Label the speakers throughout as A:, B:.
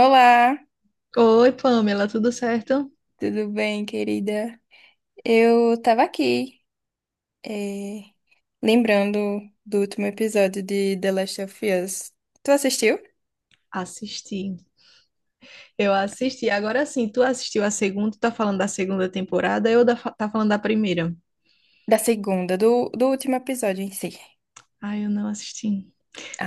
A: Olá,
B: Oi, Pamela, tudo certo?
A: tudo bem, querida? Eu tava aqui, eh, lembrando do último episódio de The Last of Us. Tu assistiu?
B: Assisti. Eu assisti. Agora sim, tu assistiu a segunda, tá falando da segunda temporada, tá falando da primeira.
A: Da segunda, do último episódio em si.
B: Ai, eu não assisti.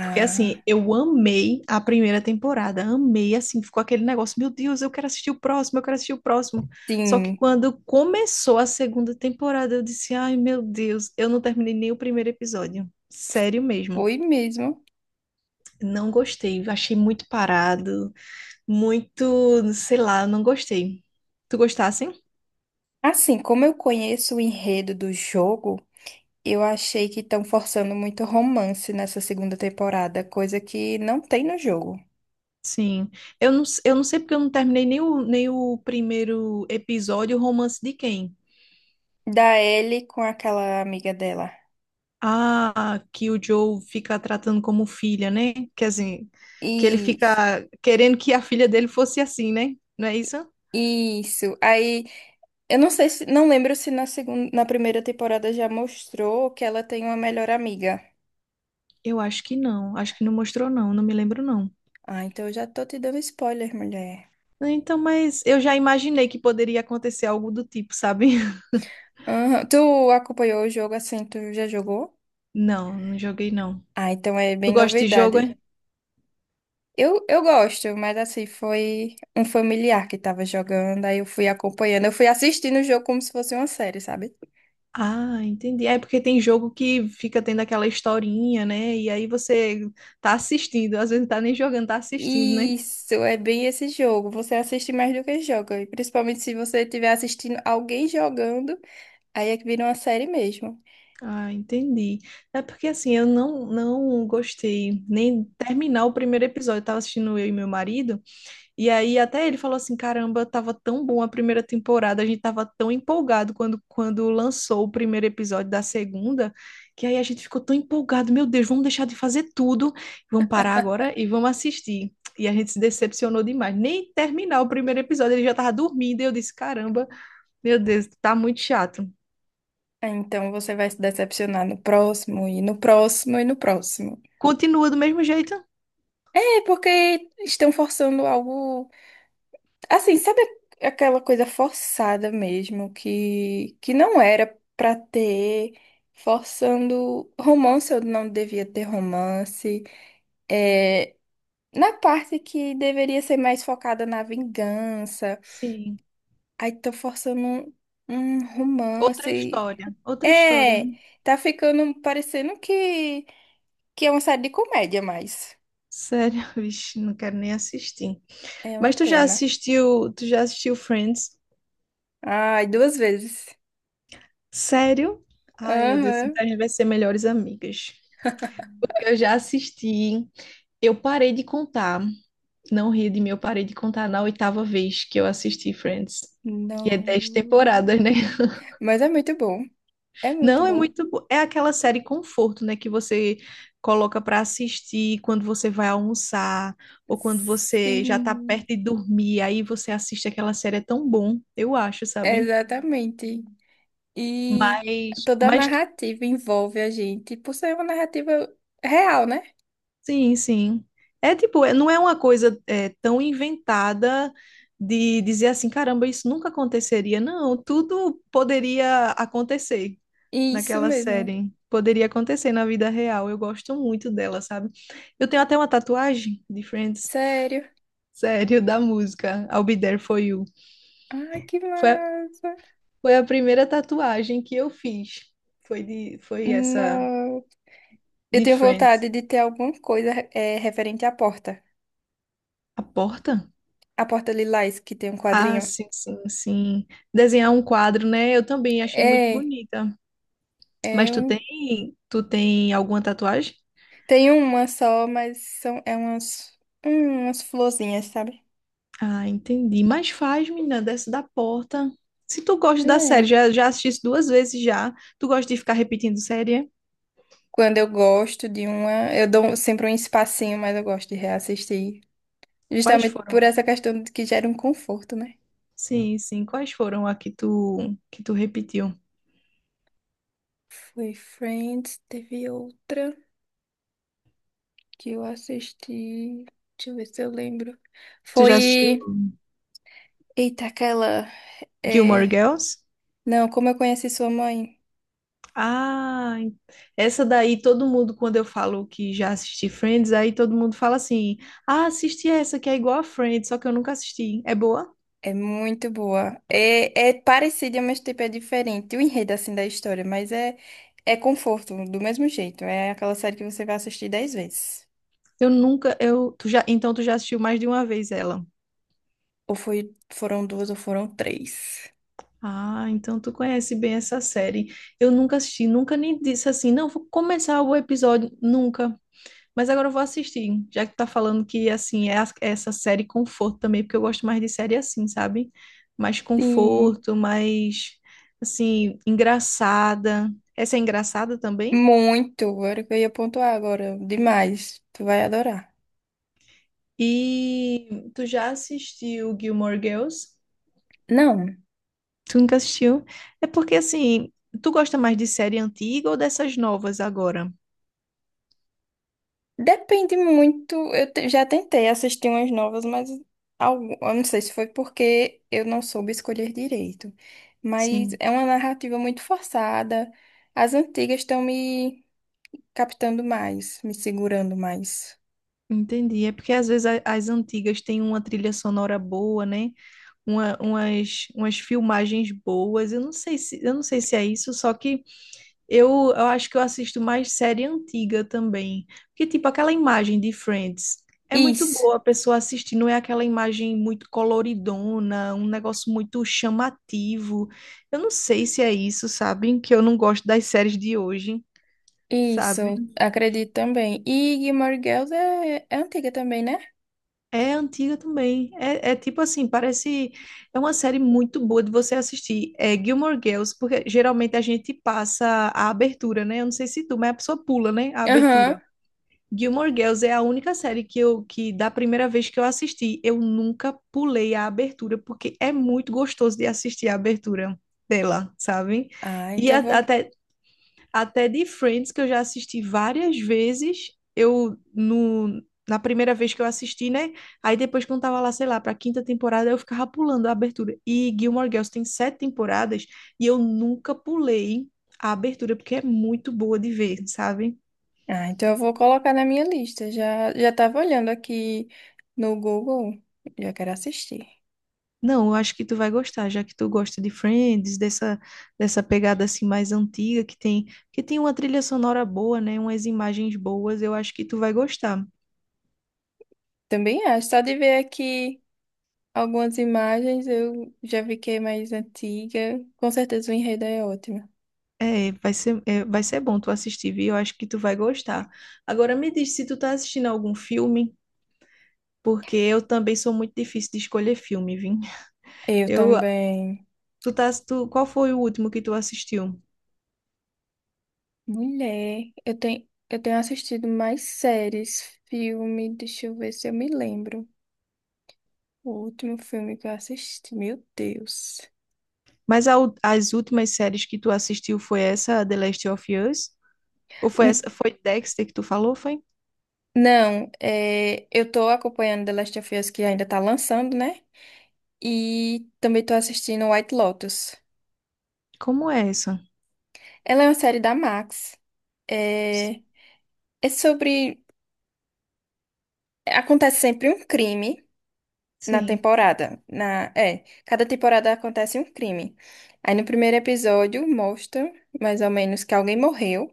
B: Porque assim, eu amei a primeira temporada, amei, assim, ficou aquele negócio, meu Deus, eu quero assistir o próximo, eu quero assistir o próximo. Só que
A: sim,
B: quando começou a segunda temporada, eu disse, ai, meu Deus, eu não terminei nem o primeiro episódio. Sério mesmo.
A: foi mesmo.
B: Não gostei, achei muito parado, muito, sei lá, eu não gostei. Tu gostasse?
A: Assim, como eu conheço o enredo do jogo, eu achei que estão forçando muito romance nessa segunda temporada, coisa que não tem no jogo.
B: Sim. Eu não sei porque eu não terminei nem o primeiro episódio, o romance de quem?
A: Da Ellie com aquela amiga dela.
B: Ah, que o Joe fica tratando como filha, né? Quer dizer, que ele
A: Isso,
B: fica querendo que a filha dele fosse assim, né? Não é isso?
A: isso. Aí. Eu não sei se, não lembro se na segunda, na primeira temporada já mostrou que ela tem uma melhor amiga.
B: Eu acho que não. Acho que não mostrou, não. Não me lembro, não.
A: Ah, então eu já tô te dando spoiler, mulher.
B: Então, mas eu já imaginei que poderia acontecer algo do tipo, sabe?
A: Aham. Tu acompanhou o jogo assim, tu já jogou?
B: Não, não joguei, não.
A: Ah, então é
B: Tu
A: bem
B: gosta de jogo,
A: novidade.
B: é?
A: Eu gosto, mas assim, foi um familiar que tava jogando, aí eu fui acompanhando, eu fui assistindo o jogo como se fosse uma série, sabe?
B: Ah, entendi. É porque tem jogo que fica tendo aquela historinha, né? E aí você tá assistindo, às vezes não tá nem jogando, tá assistindo, né?
A: Isso, é bem esse jogo. Você assiste mais do que joga, e principalmente se você estiver assistindo alguém jogando, aí é que vira uma série mesmo.
B: Ah, entendi. É porque assim, eu não gostei nem terminar o primeiro episódio. Eu tava assistindo eu e meu marido. E aí até ele falou assim, caramba, tava tão bom a primeira temporada, a gente tava tão empolgado quando lançou o primeiro episódio da segunda, que aí a gente ficou tão empolgado, meu Deus, vamos deixar de fazer tudo, vamos parar agora e vamos assistir. E a gente se decepcionou demais, nem terminar o primeiro episódio, ele já tava dormindo, e eu disse, caramba, meu Deus, tá muito chato.
A: Ah, então você vai se decepcionar no próximo e no próximo e no próximo.
B: Continua do mesmo jeito?
A: É porque estão forçando algo assim, sabe aquela coisa forçada mesmo que não era pra ter, forçando romance eu não devia ter romance. É, na parte que deveria ser mais focada na vingança,
B: Sim.
A: aí estão forçando um romance.
B: Outra história,
A: É,
B: né?
A: tá ficando parecendo que é uma série de comédia, mas
B: Sério, vixe, não quero nem assistir.
A: é uma
B: Mas
A: pena.
B: tu já assistiu Friends?
A: Ai, duas vezes.
B: Sério? Ai, meu Deus,
A: Aham.
B: então a gente vai ser melhores amigas. Porque eu já assisti, eu parei de contar, não ri de mim, eu parei de contar na oitava vez que eu assisti Friends. E é dez
A: Não.
B: temporadas, né?
A: Mas é muito bom. É muito
B: Não, é
A: bom.
B: é aquela série conforto, né, que você coloca pra assistir quando você vai almoçar ou quando você já tá
A: Sim,
B: perto de dormir, aí você assiste aquela série, é tão bom, eu acho, sabe?
A: exatamente. E
B: Mas,
A: toda a
B: mas tu.
A: narrativa envolve a gente, por ser uma narrativa real, né?
B: Sim, sim. É não é uma coisa tão inventada de dizer assim, caramba, isso nunca aconteceria. Não, tudo poderia acontecer
A: Isso
B: naquela
A: mesmo.
B: série. Poderia acontecer na vida real. Eu gosto muito dela, sabe? Eu tenho até uma tatuagem de Friends,
A: Sério.
B: sério, da música I'll Be There For You.
A: Ai, que
B: Foi, a-
A: massa.
B: foi a primeira tatuagem que eu fiz. Foi essa
A: Não. Eu
B: de
A: tenho
B: Friends.
A: vontade de ter alguma coisa é referente à porta.
B: A porta?
A: A porta lilás, que tem um
B: Ah,
A: quadrinho.
B: sim, sim, sim. Desenhar um quadro, né? Eu também achei muito
A: É.
B: bonita. Mas
A: É
B: tu
A: um...
B: tem, tu tem alguma tatuagem?
A: Tem uma só, mas são... é umas... umas florzinhas, sabe?
B: Ah, entendi. Mas faz, menina, desce da porta. Se tu gosta da série,
A: É.
B: já assististe duas vezes já. Tu gosta de ficar repetindo série, é?
A: Quando eu gosto de uma, eu dou sempre um espacinho, mas eu gosto de reassistir.
B: Quais
A: Justamente por
B: foram?
A: essa questão de que gera um conforto, né?
B: Sim, sim. Quais foram a que que tu repetiu?
A: Foi Friends, teve outra que eu assisti. Deixa eu ver se eu lembro.
B: Tu já assistiu
A: Foi. Eita, aquela.
B: Gilmore
A: É...
B: Girls?
A: Não, como eu conheci sua mãe?
B: Ah, essa daí todo mundo, quando eu falo que já assisti Friends, aí todo mundo fala assim: ah, assisti essa que é igual a Friends, só que eu nunca assisti. É boa?
A: É muito boa. É, é parecida, mas tipo é diferente. O enredo assim da história, mas é é conforto do mesmo jeito. É aquela série que você vai assistir 10 vezes.
B: Eu nunca, eu, tu já, então tu já assistiu mais de uma vez ela.
A: Ou foi, foram duas ou foram três.
B: Ah, então tu conhece bem essa série. Eu nunca assisti, nunca nem disse assim, não, vou começar o episódio, nunca. Mas agora eu vou assistir, já que tu tá falando que, assim, é essa série conforto também, porque eu gosto mais de série assim, sabe? Mais
A: Sim,
B: conforto, mais, assim, engraçada. Essa é engraçada também?
A: muito. Era o que eu ia pontuar agora. Demais. Tu vai adorar.
B: E tu já assistiu Gilmore Girls?
A: Não.
B: Tu nunca assistiu? É porque, assim, tu gosta mais de série antiga ou dessas novas agora?
A: Depende muito. Já tentei assistir umas novas, mas algo, eu não sei se foi porque eu não soube escolher direito. Mas
B: Sim,
A: é uma narrativa muito forçada. As antigas estão me captando mais, me segurando mais.
B: entendi. É porque às vezes as antigas têm uma trilha sonora boa, né? Umas filmagens boas. Eu não sei se é isso, só que eu acho que eu assisto mais série antiga também. Porque, tipo, aquela imagem de Friends é muito
A: Isso,
B: boa a pessoa assistir, não é aquela imagem muito coloridona, um negócio muito chamativo. Eu não sei se é isso, sabe? Que eu não gosto das séries de hoje, sabe?
A: isso, acredito também. E Gilmore Girls é, é antiga também, né?
B: É antiga também. É tipo assim, parece. É uma série muito boa de você assistir. É Gilmore Girls, porque geralmente a gente passa a abertura, né? Eu não sei se tu, mas a pessoa pula, né? A abertura.
A: Aham.
B: Gilmore Girls é a única série que da primeira vez que eu assisti, eu nunca pulei a abertura, porque é muito gostoso de assistir a abertura dela, sabe?
A: Ah,
B: E
A: então
B: a-
A: eu vou.
B: até até de Friends, que eu já assisti várias vezes, eu no, na primeira vez que eu assisti, né? Aí depois quando tava lá, sei lá, pra quinta temporada, eu ficava pulando a abertura. E Gilmore Girls tem sete temporadas e eu nunca pulei a abertura, porque é muito boa de ver, sabe?
A: Ah, então eu vou colocar na minha lista. Já tava olhando aqui no Google. Já quero assistir.
B: Não, eu acho que tu vai gostar, já que tu gosta de Friends, dessa pegada assim mais antiga, que tem uma trilha sonora boa, né? Umas imagens boas, eu acho que tu vai gostar.
A: Também acho. Só de ver aqui algumas imagens, eu já vi que é mais antiga. Com certeza o enredo é ótimo.
B: É, vai ser bom tu assistir, viu? Eu acho que tu vai gostar. Agora me diz se tu tá assistindo algum filme, porque eu também sou muito difícil de escolher filme, viu?
A: Eu
B: Eu,
A: também.
B: tu tá, tu, qual foi o último que tu assistiu?
A: Mulher, eu tenho assistido mais séries, filme, deixa eu ver se eu me lembro. O último filme que eu assisti, meu Deus.
B: Mas as últimas séries que tu assistiu foi essa, The Last of Us? Ou foi
A: N-
B: essa, foi Dexter que tu falou, foi?
A: não, é, eu tô acompanhando The Last of Us que ainda tá lançando, né? E também tô assistindo White Lotus.
B: Como é essa?
A: Ela é uma série da Max.
B: S-
A: É, é sobre acontece sempre um crime na
B: Sim.
A: temporada. Cada temporada acontece um crime. Aí no primeiro episódio mostra mais ou menos que alguém morreu.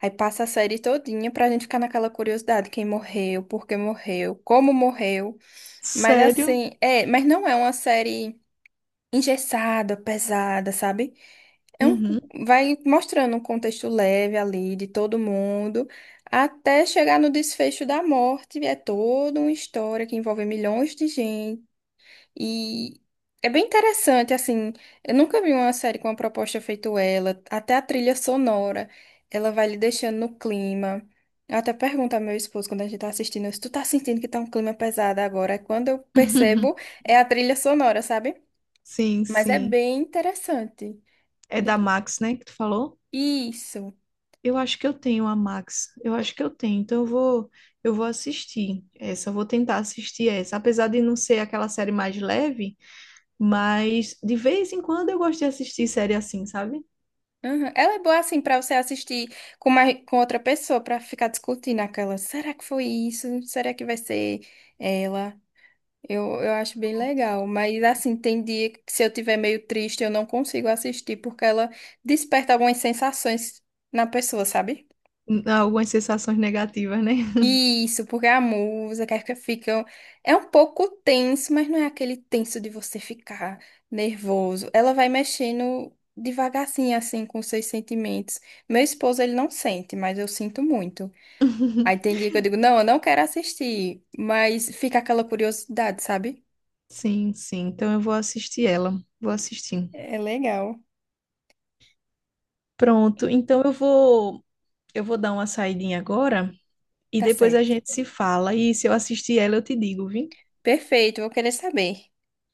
A: Aí passa a série todinha pra gente ficar naquela curiosidade, quem morreu, por que morreu, como morreu. Mas
B: Sério?
A: assim, é, mas não é uma série engessada, pesada, sabe? É um,
B: Uhum.
A: vai mostrando um contexto leve ali de todo mundo, até chegar no desfecho da morte. É toda uma história que envolve milhões de gente. E é bem interessante, assim. Eu nunca vi uma série com uma proposta feito ela. Até a trilha sonora, ela vai lhe deixando no clima. Eu até pergunto ao meu esposo quando a gente tá assistindo, se tu tá sentindo que tá um clima pesado agora. Aí quando eu percebo, é a trilha sonora, sabe?
B: Sim,
A: Mas é
B: sim.
A: bem interessante.
B: É da
A: Depois-
B: Max, né, que tu falou?
A: Isso.
B: Eu acho que eu tenho a Max. Eu acho que eu tenho. Então eu vou assistir essa. Eu vou tentar assistir essa. Apesar de não ser aquela série mais leve, mas de vez em quando eu gosto de assistir série assim, sabe?
A: Uhum. Ela é boa assim pra você assistir com, mais, com outra pessoa pra ficar discutindo aquela. Será que foi isso? Será que vai ser ela? Eu acho bem legal. Mas assim, tem dia que se eu tiver meio triste, eu não consigo assistir porque ela desperta algumas sensações na pessoa, sabe?
B: Algumas sensações negativas, né?
A: Isso, porque a música que fica é um pouco tenso, mas não é aquele tenso de você ficar nervoso. Ela vai mexendo devagarzinho assim com seus sentimentos. Meu esposo ele não sente, mas eu sinto muito. Aí tem dia que eu digo, não, eu não quero assistir, mas fica aquela curiosidade, sabe?
B: Sim, sim. Então eu vou assistir ela. Vou assistir.
A: É legal.
B: Pronto. Então eu vou dar uma saidinha agora e
A: Tá
B: depois a
A: certo.
B: gente se fala. E se eu assistir ela, eu te digo, viu?
A: Perfeito, vou querer saber.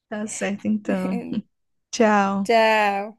B: Tá certo, então. Tchau.
A: Tchau.